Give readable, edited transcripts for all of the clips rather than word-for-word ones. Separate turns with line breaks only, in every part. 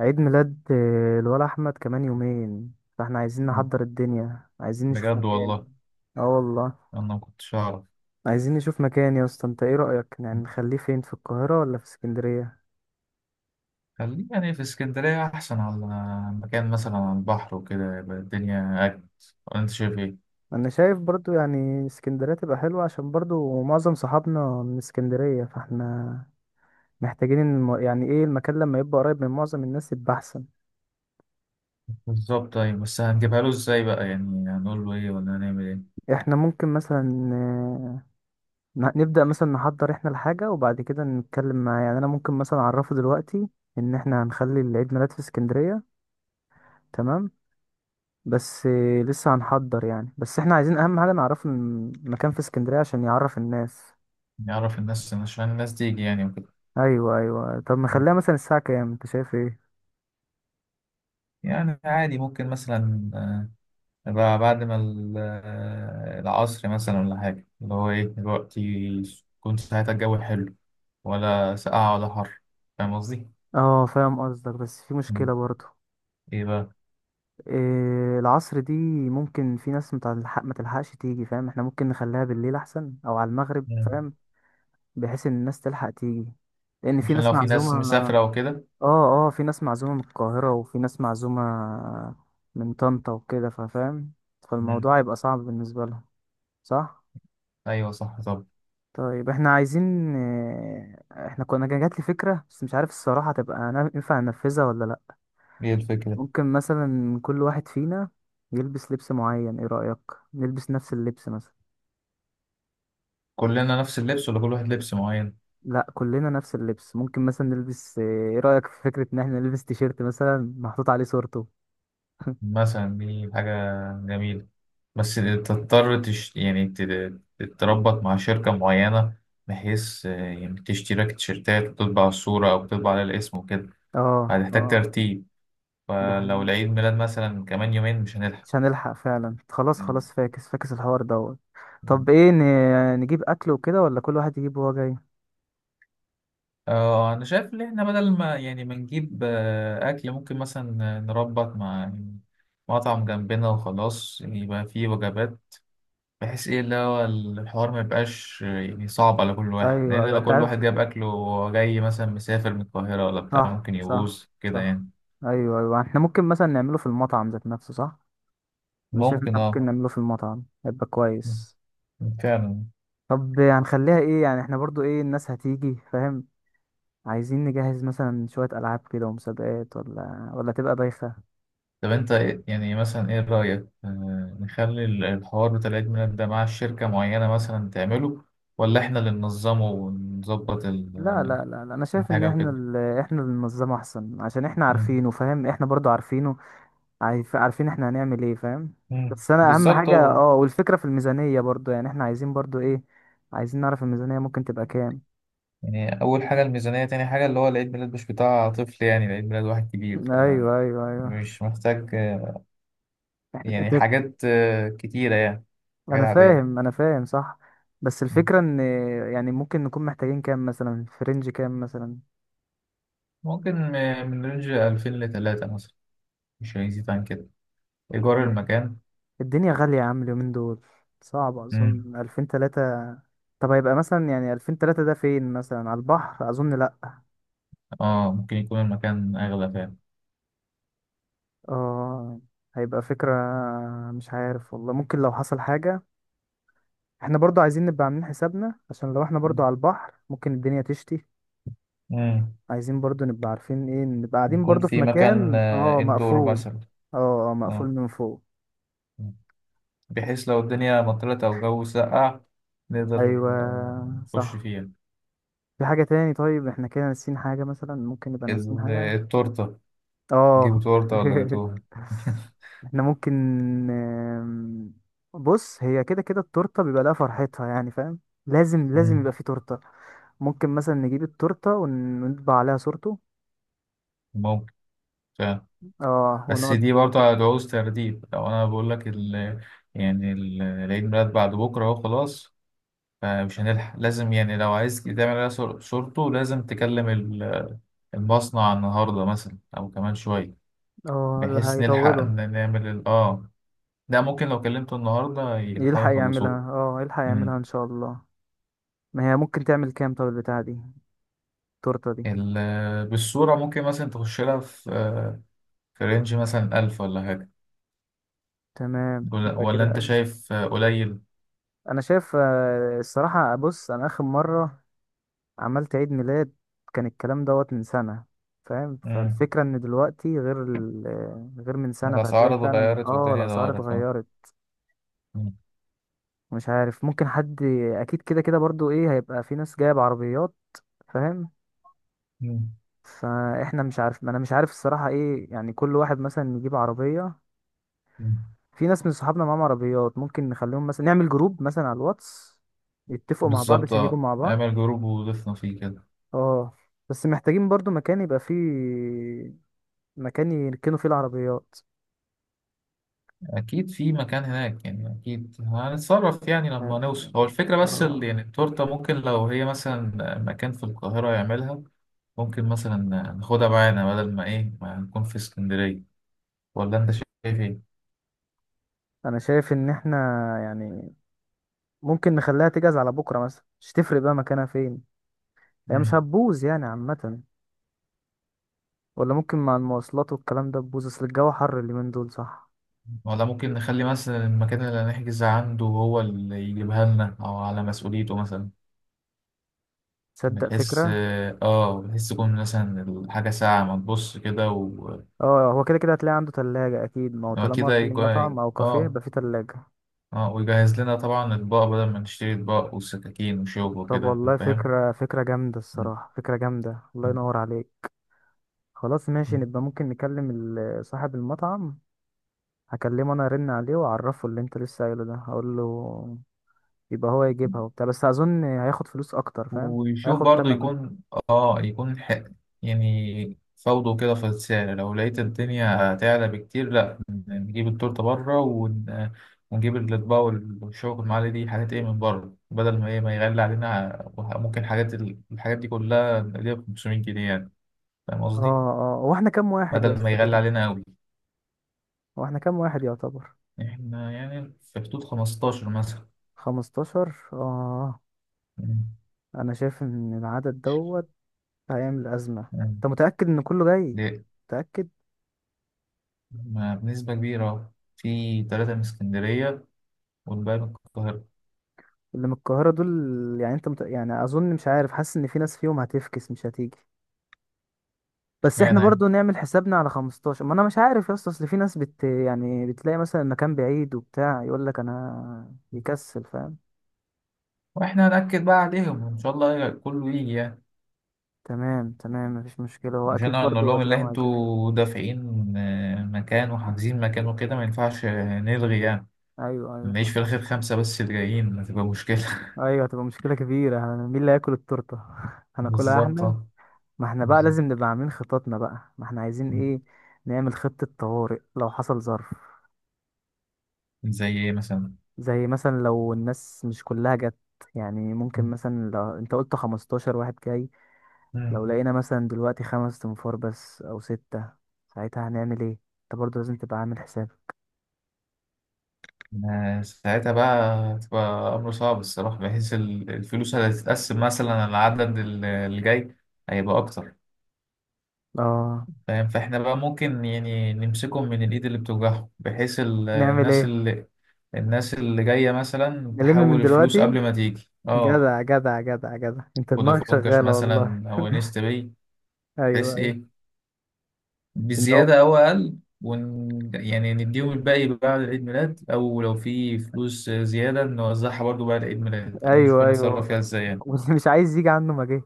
عيد ميلاد الولا احمد كمان يومين، فاحنا عايزين نحضر الدنيا، عايزين نشوف
بجد
مكان.
والله.
اه والله.
انا ما كنتش اعرف.
عايزين نشوف مكان يا اسطى، انت ايه رأيك؟ يعني نخليه فين، في القاهرة ولا في اسكندرية؟
خليه يعني في اسكندريه احسن، على مكان مثلا على البحر وكده يبقى الدنيا اجمل. ولا انت شايف ايه؟
انا شايف برضو يعني اسكندرية تبقى حلوة، عشان برضو معظم صحابنا من اسكندرية، فاحنا محتاجين يعني ايه، المكان لما يبقى قريب من معظم الناس يبقى احسن.
بالظبط. طيب بس هنجيبها له ازاي بقى؟ يعني هنقول له ايه ولا هنعمل ايه؟
احنا ممكن مثلا، نبدأ مثلا نحضر احنا الحاجة، وبعد كده نتكلم معاه. يعني انا ممكن مثلا اعرفه دلوقتي ان احنا هنخلي العيد ميلاد في اسكندرية. تمام. بس لسه هنحضر يعني، بس احنا عايزين اهم حاجة نعرفه المكان في اسكندرية عشان يعرف الناس.
نعرف الناس عشان الناس تيجي يعني وكده.
ايوه، ايوه، طب نخليها مثلا الساعة كام؟ انت شايف ايه؟
يعني عادي، ممكن مثلا يبقى بعد ما العصر مثلا، ولا حاجه اللي هو ايه الوقت يكون ساعتها الجو حلو ولا ساقعه ولا حر. فاهم قصدي؟
اه فاهم قصدك، بس في
مم.
مشكلة برضه.
ايه بقى؟
إيه العصر دي؟ ممكن في ناس متلحق ما تلحقش تيجي، فاهم؟ احنا ممكن نخليها بالليل احسن او على المغرب، فاهم؟ بحيث ان الناس تلحق تيجي، لان في
عشان
ناس
لو في
معزومة.
ناس مسافرة وكده.
اه، اه، في ناس معزومة من القاهرة، وفي ناس معزومة من طنطا وكده، ففاهم،
مم.
فالموضوع هيبقى صعب بالنسبة لهم. صح.
أيوة صح. طب
طيب احنا عايزين، احنا كنا كان جات لي فكرة، بس مش عارف الصراحة، تبقى أنا ينفع ننفذها ولا لا؟
هي الفكرة؟
ممكن مثلا كل واحد فينا يلبس لبس معين، ايه رأيك؟ نلبس نفس اللبس مثلا؟
كلنا نفس اللبس ولا كل واحد لبس معين؟
لا، كلنا نفس اللبس. ممكن مثلا نلبس آه، ايه رأيك في فكرة ان احنا نلبس تيشيرت مثلا محطوط عليه صورته؟
مثلا دي حاجة جميلة، بس تضطر تتربط مع شركة معينة، بحيث يعني تشتري لك تيشيرتات وتطبع الصورة أو تطبع على الاسم وكده.
اه،
هتحتاج
اه،
ترتيب،
ده
فلو
حقيقي.
العيد ميلاد مثلا كمان يومين مش هنلحق.
مش هنلحق فعلا، خلاص
مم.
خلاص، فاكس فاكس الحوار دوت. طب ايه، نجيب اكل وكده ولا كل واحد يجيب وهو جاي؟
اه، انا شايف ان احنا بدل ما يعني ما نجيب اكل، ممكن مثلا نربط مع مطعم جنبنا وخلاص يبقى فيه وجبات، بحيث ايه اللي هو الحوار ما يبقاش يعني صعب على كل واحد،
ايوه،
لان
ايوه،
لو
انت
كل
عارف.
واحد جاب اكله وهو جاي مثلا مسافر من القاهرة ولا بتاع
صح،
ممكن
صح،
يبوظ كده
صح.
يعني.
ايوه، ايوه، احنا ممكن مثلا نعمله في المطعم ذات نفسه، صح؟ انا شايف إن
ممكن
احنا
اه.
ممكن نعمله في المطعم، هيبقى كويس.
فعلا.
طب هنخليها ايه يعني؟ احنا برضو ايه الناس هتيجي، فاهم؟ عايزين نجهز مثلا شوية ألعاب كده ومسابقات، ولا تبقى بايخة؟
طب انت يعني مثلا ايه رأيك نخلي الحوار بتاع العيد ميلاد ده مع شركة معينة مثلا تعمله، ولا احنا اللي ننظمه ونظبط
لا، لا، لا، لا، انا شايف ان
الحاجة
احنا،
وكده؟
احنا اللي ننظمه احسن، عشان احنا
مم.
عارفينه، فاهم؟ احنا برضو عارفينه. عارفين احنا هنعمل ايه، فاهم؟
مم.
بس انا اهم
بالظبط
حاجة،
اه.
والفكرة في الميزانية برضو، يعني احنا عايزين برضو ايه، عايزين نعرف الميزانية ممكن تبقى كام؟
يعني أول حاجة الميزانية، تاني حاجة اللي هو العيد ميلاد مش بتاع طفل، يعني العيد ميلاد واحد كبير،
ايوه، ايوه، ايوه.
فمش محتاج يعني
انت.
حاجات كتيرة يعني، حاجات
انا فاهم،
عادية.
انا فاهم، صح. بس
مم.
الفكرة ان، يعني ممكن نكون محتاجين كام مثلا، في رينج كام مثلا؟
ممكن من رينج 2000 لتلاتة مثلا، مش هيزيد عن كده إيجار
طيب.
المكان.
الدنيا غالية يا عم اليومين دول، صعب
مم.
اظن 2000-3000. طب هيبقى مثلا، يعني 2000-3000 ده فين مثلا، على البحر اظن لا.
اه ممكن يكون المكان أغلى فعلا.
اه، هيبقى فكرة. مش عارف والله. ممكن لو حصل حاجة، احنا برضو عايزين نبقى عاملين حسابنا، عشان لو احنا
مم.
برضو على البحر ممكن الدنيا تشتي.
مم.
عايزين برضو نبقى عارفين ايه، نبقى قاعدين
يكون
برضو في
في مكان
مكان
إندور
مقفول.
مثلا.
اه، اه، مقفول
اه،
من فوق.
بحيث لو الدنيا مطرت أو الجو سقع نقدر
ايوه،
نخش
صح.
فيها.
في حاجة تاني؟ طيب احنا كده ناسيين حاجة، مثلا ممكن نبقى ناسيين حاجة؟
التورتة.
اه.
جيبوا تورتة ولا جاتوه؟
احنا ممكن آم، بص، هي كده كده التورتة بيبقى لها فرحتها يعني فاهم، لازم لازم
مم.
يبقى في تورتة. ممكن مثلا نجيب التورتة ونطبع عليها صورته.
ممكن فعلا،
اه،
بس
ونقعد.
دي برضه هتعوز ترتيب. لو أنا بقول لك يعني العيد ميلاد بعد بكرة أهو، خلاص، فمش هنلحق. لازم يعني لو عايز تعمل عليها صورته لازم تكلم المصنع النهاردة مثلا أو كمان شوية،
اه، ده
بحيث نلحق
هيطولوا.
إن نعمل ال... آه ده ممكن لو كلمته النهاردة يلحقوا
يلحق
يخلصوه.
يعملها، اه، يلحق يعملها ان شاء الله. ما هي ممكن تعمل كام، طب البتاعة دي التورتة دي؟
بالصورة ممكن مثلا تخش لها في في رينج مثلا 1000 ولا حاجة.
تمام،
ولا
يبقى
ولا
كده
أنت
أقل.
شايف قليل؟
انا شايف الصراحة، بص انا اخر مرة عملت عيد ميلاد كان الكلام دوت من سنة، فاهم؟
مم.
فالفكرة ان دلوقتي غير ال... آه، غير من سنة، فهتلاقي
الأسعار
فعلا
اتغيرت والدنيا
الاسعار
اتغيرت اه.
اتغيرت.
مم.
مش عارف ممكن حد، اكيد كده كده برضو، ايه، هيبقى في ناس جاية بعربيات، فاهم؟
مم.
فاحنا مش عارف ما انا مش عارف الصراحة، ايه يعني كل واحد مثلا يجيب عربية.
مم.
في ناس من صحابنا معاهم عربيات، ممكن نخليهم مثلا نعمل جروب مثلا على الواتس، يتفقوا مع بعض
بالظبط
عشان يجوا
اه،
مع بعض.
اعمل جروب وضيفنا فيه كده.
اه، بس محتاجين برضو مكان يركنوا فيه العربيات.
أكيد في مكان هناك يعني، أكيد هنتصرف يعني لما
عارف.
نوصل. هو الفكرة بس
اه،
يعني التورتة، ممكن لو هي مثلا مكان في القاهرة يعملها، ممكن مثلا ناخدها معانا بدل ما إيه ما نكون في اسكندرية. ولا أنت شايف
انا شايف ان احنا، يعني ممكن نخليها تجهز على بكرة مثلا، مش تفرق بقى مكانها فين، هي
إيه؟
مش هتبوظ يعني عامة. ولا ممكن مع المواصلات والكلام ده تبوظ، اصل الجو حر اليومين دول، صح؟
ولا ممكن نخلي مثلا المكان اللي هنحجز عنده هو اللي يجيبها لنا أو على مسؤوليته مثلا،
تصدق
بحيث
فكرة.
اه بحيث تكون مثلا الحاجة ساعة ما تبص كده و...
اه، هو كده كده هتلاقي عنده تلاجة اكيد، ما هو
هو
طالما
كده
في مطعم
يكون
او كافيه
اه.
يبقى في تلاجة.
اه، ويجهز لنا طبعا أطباق بدل ما نشتري أطباق وسكاكين وشوك
طب
وكده.
والله،
فاهم؟
فكرة، فكرة جامدة الصراحة، فكرة جامدة، الله ينور عليك. خلاص ماشي، نبقى ممكن نكلم صاحب المطعم. هكلمه انا، ارن عليه واعرفه اللي انت لسه قايله ده هقول له. يبقى هو يجيبها وبتاع، بس اظن هياخد فلوس اكتر، فاهم.
ويشوف
هياخد
برضو
تمنه.
يكون اه، يكون حق يعني، فوضه كده في السعر. لو لقيت الدنيا هتعلى بكتير، لا، نجيب التورتة بره ونجيب الأطباق والشوك المعالي، دي حاجات ايه من بره، بدل ما ايه ما يغلي علينا. ممكن حاجات الحاجات دي كلها نقلبها ب 500 جنيه يعني. فاهم
اه،
قصدي؟
اه، هو احنا كام واحد يا
بدل ما
اسطى
يغلي
كده؟
علينا أوي.
هو احنا كام واحد يعتبر؟
احنا يعني في حدود 15 مثلا.
15، اه.
مم.
انا شايف ان العدد دوت هيعمل أزمة.
مم.
أنت متأكد إن كله جاي؟
ليه؟
متأكد؟
ما بنسبة كبيرة، في تلاتة من اسكندرية والباقي من القاهرة.
اللي من القاهرة دول، يعني أنت يعني أظن، مش عارف، حاسس إن في ناس فيهم هتفكس مش هتيجي. بس إحنا
اشمعنى؟
برضو نعمل حسابنا على 15، ما أنا مش عارف يا اسطى، أصل في ناس يعني بتلاقي مثلا مكان بعيد وبتاع، يقول لك أنا يكسل، فاهم.
واحنا هنأكد بقى عليهم وان شاء الله كله يجي يعني.
تمام، تمام، مفيش مشكلة، هو
مش
أكيد
انا نقول
برضو
لهم اللي
هتلاقيهم عايزين يجوا.
انتوا دافعين مكان وحاجزين مكان وكده، ما ينفعش نلغي يعني.
أيوه، أيوه،
نعيش
صح.
في الاخر خمسة بس اللي جايين هتبقى مشكلة.
أيوه، هتبقى مشكلة كبيرة، مين اللي هياكل التورتة؟ هناكلها
بالظبط
إحنا. ما احنا بقى
بالظبط.
لازم نبقى عاملين خططنا بقى، ما احنا عايزين ايه. نعمل خطة طوارئ لو حصل ظرف.
زي ايه مثلا؟
زي مثلا لو الناس مش كلها جت، يعني ممكن مثلا لو انت قلت 15 واحد جاي. لو
مم.
لقينا مثلا دلوقتي 5 تنفار بس او 6، ساعتها هنعمل ايه؟ انت برضو لازم تبقى عامل حساب.
ساعتها بقى هتبقى امر صعب الصراحة، بحيث الفلوس اللي هتتقسم مثلا على العدد اللي جاي هيبقى اكتر.
اه،
فاهم؟ فاحنا بقى ممكن يعني نمسكهم من الإيد اللي بتوجعهم، بحيث
نعمل
الناس
ايه؟
اللي الناس اللي جاية مثلا
نلم من
تحول الفلوس
دلوقتي.
قبل ما تيجي اه،
جدع، جدع، جدع، جدع، انت دماغك
فودافون كاش
شغالة والله.
مثلا أو نيست باي،
ايوه،
بحيث
ايوه.
إيه،
إن هو-
بزيادة أو أقل، ون يعني نديهم الباقي بعد عيد ميلاد أو لو في فلوس زيادة نوزعها برضو بعد عيد ميلاد أو نشوف
ايوه،
هنتصرف
ايوه،
فيها إزاي يعني.
واللي مش عايز يجي عنه ما جه،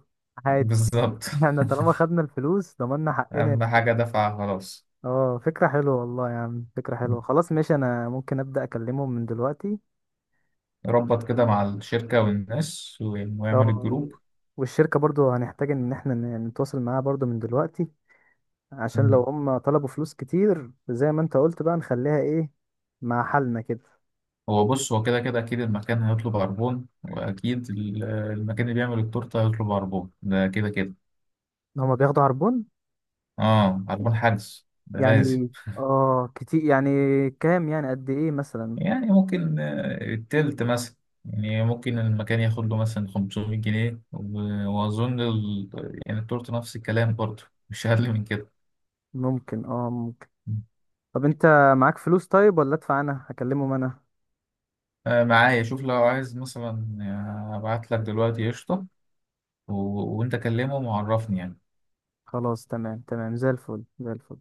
عادي.
بالظبط
احنا طالما خدنا الفلوس، ضمننا حقنا.
أهم حاجة دفعها خلاص.
اه، فكرة حلوة والله يا عم، فكرة حلوة. خلاص ماشي، انا ممكن ابدأ اكلمهم من دلوقتي.
ربط كده مع الشركة والناس ويعمل
اه.
الجروب.
والشركة برضو هنحتاج ان احنا نتواصل معاها برضو من دلوقتي. عشان لو هم طلبوا فلوس كتير زي ما انت قلت، بقى نخليها ايه مع حالنا كده.
هو بص، هو كده كده اكيد المكان هيطلب عربون، واكيد المكان اللي بيعمل التورته هيطلب عربون، ده كده كده.
هما بياخدوا عربون؟
اه، عربون حدس ده لازم.
يعني اه، كتير يعني؟ كام يعني، قد ايه مثلا؟
يعني ممكن التلت مثلا. يعني ممكن المكان ياخد له مثلا 500 جنيه، واظن يعني التورته نفس الكلام برضه، مش اقل من كده.
ممكن، ممكن. طب انت معاك فلوس طيب، ولا ادفع انا؟ هكلمهم انا.
آه معايا، شوف لو عايز مثلا ابعت لك دلوقتي قشطه، وانت كلمهم وعرفني يعني.
خلاص، تمام، تمام، زي الفل، زي الفل.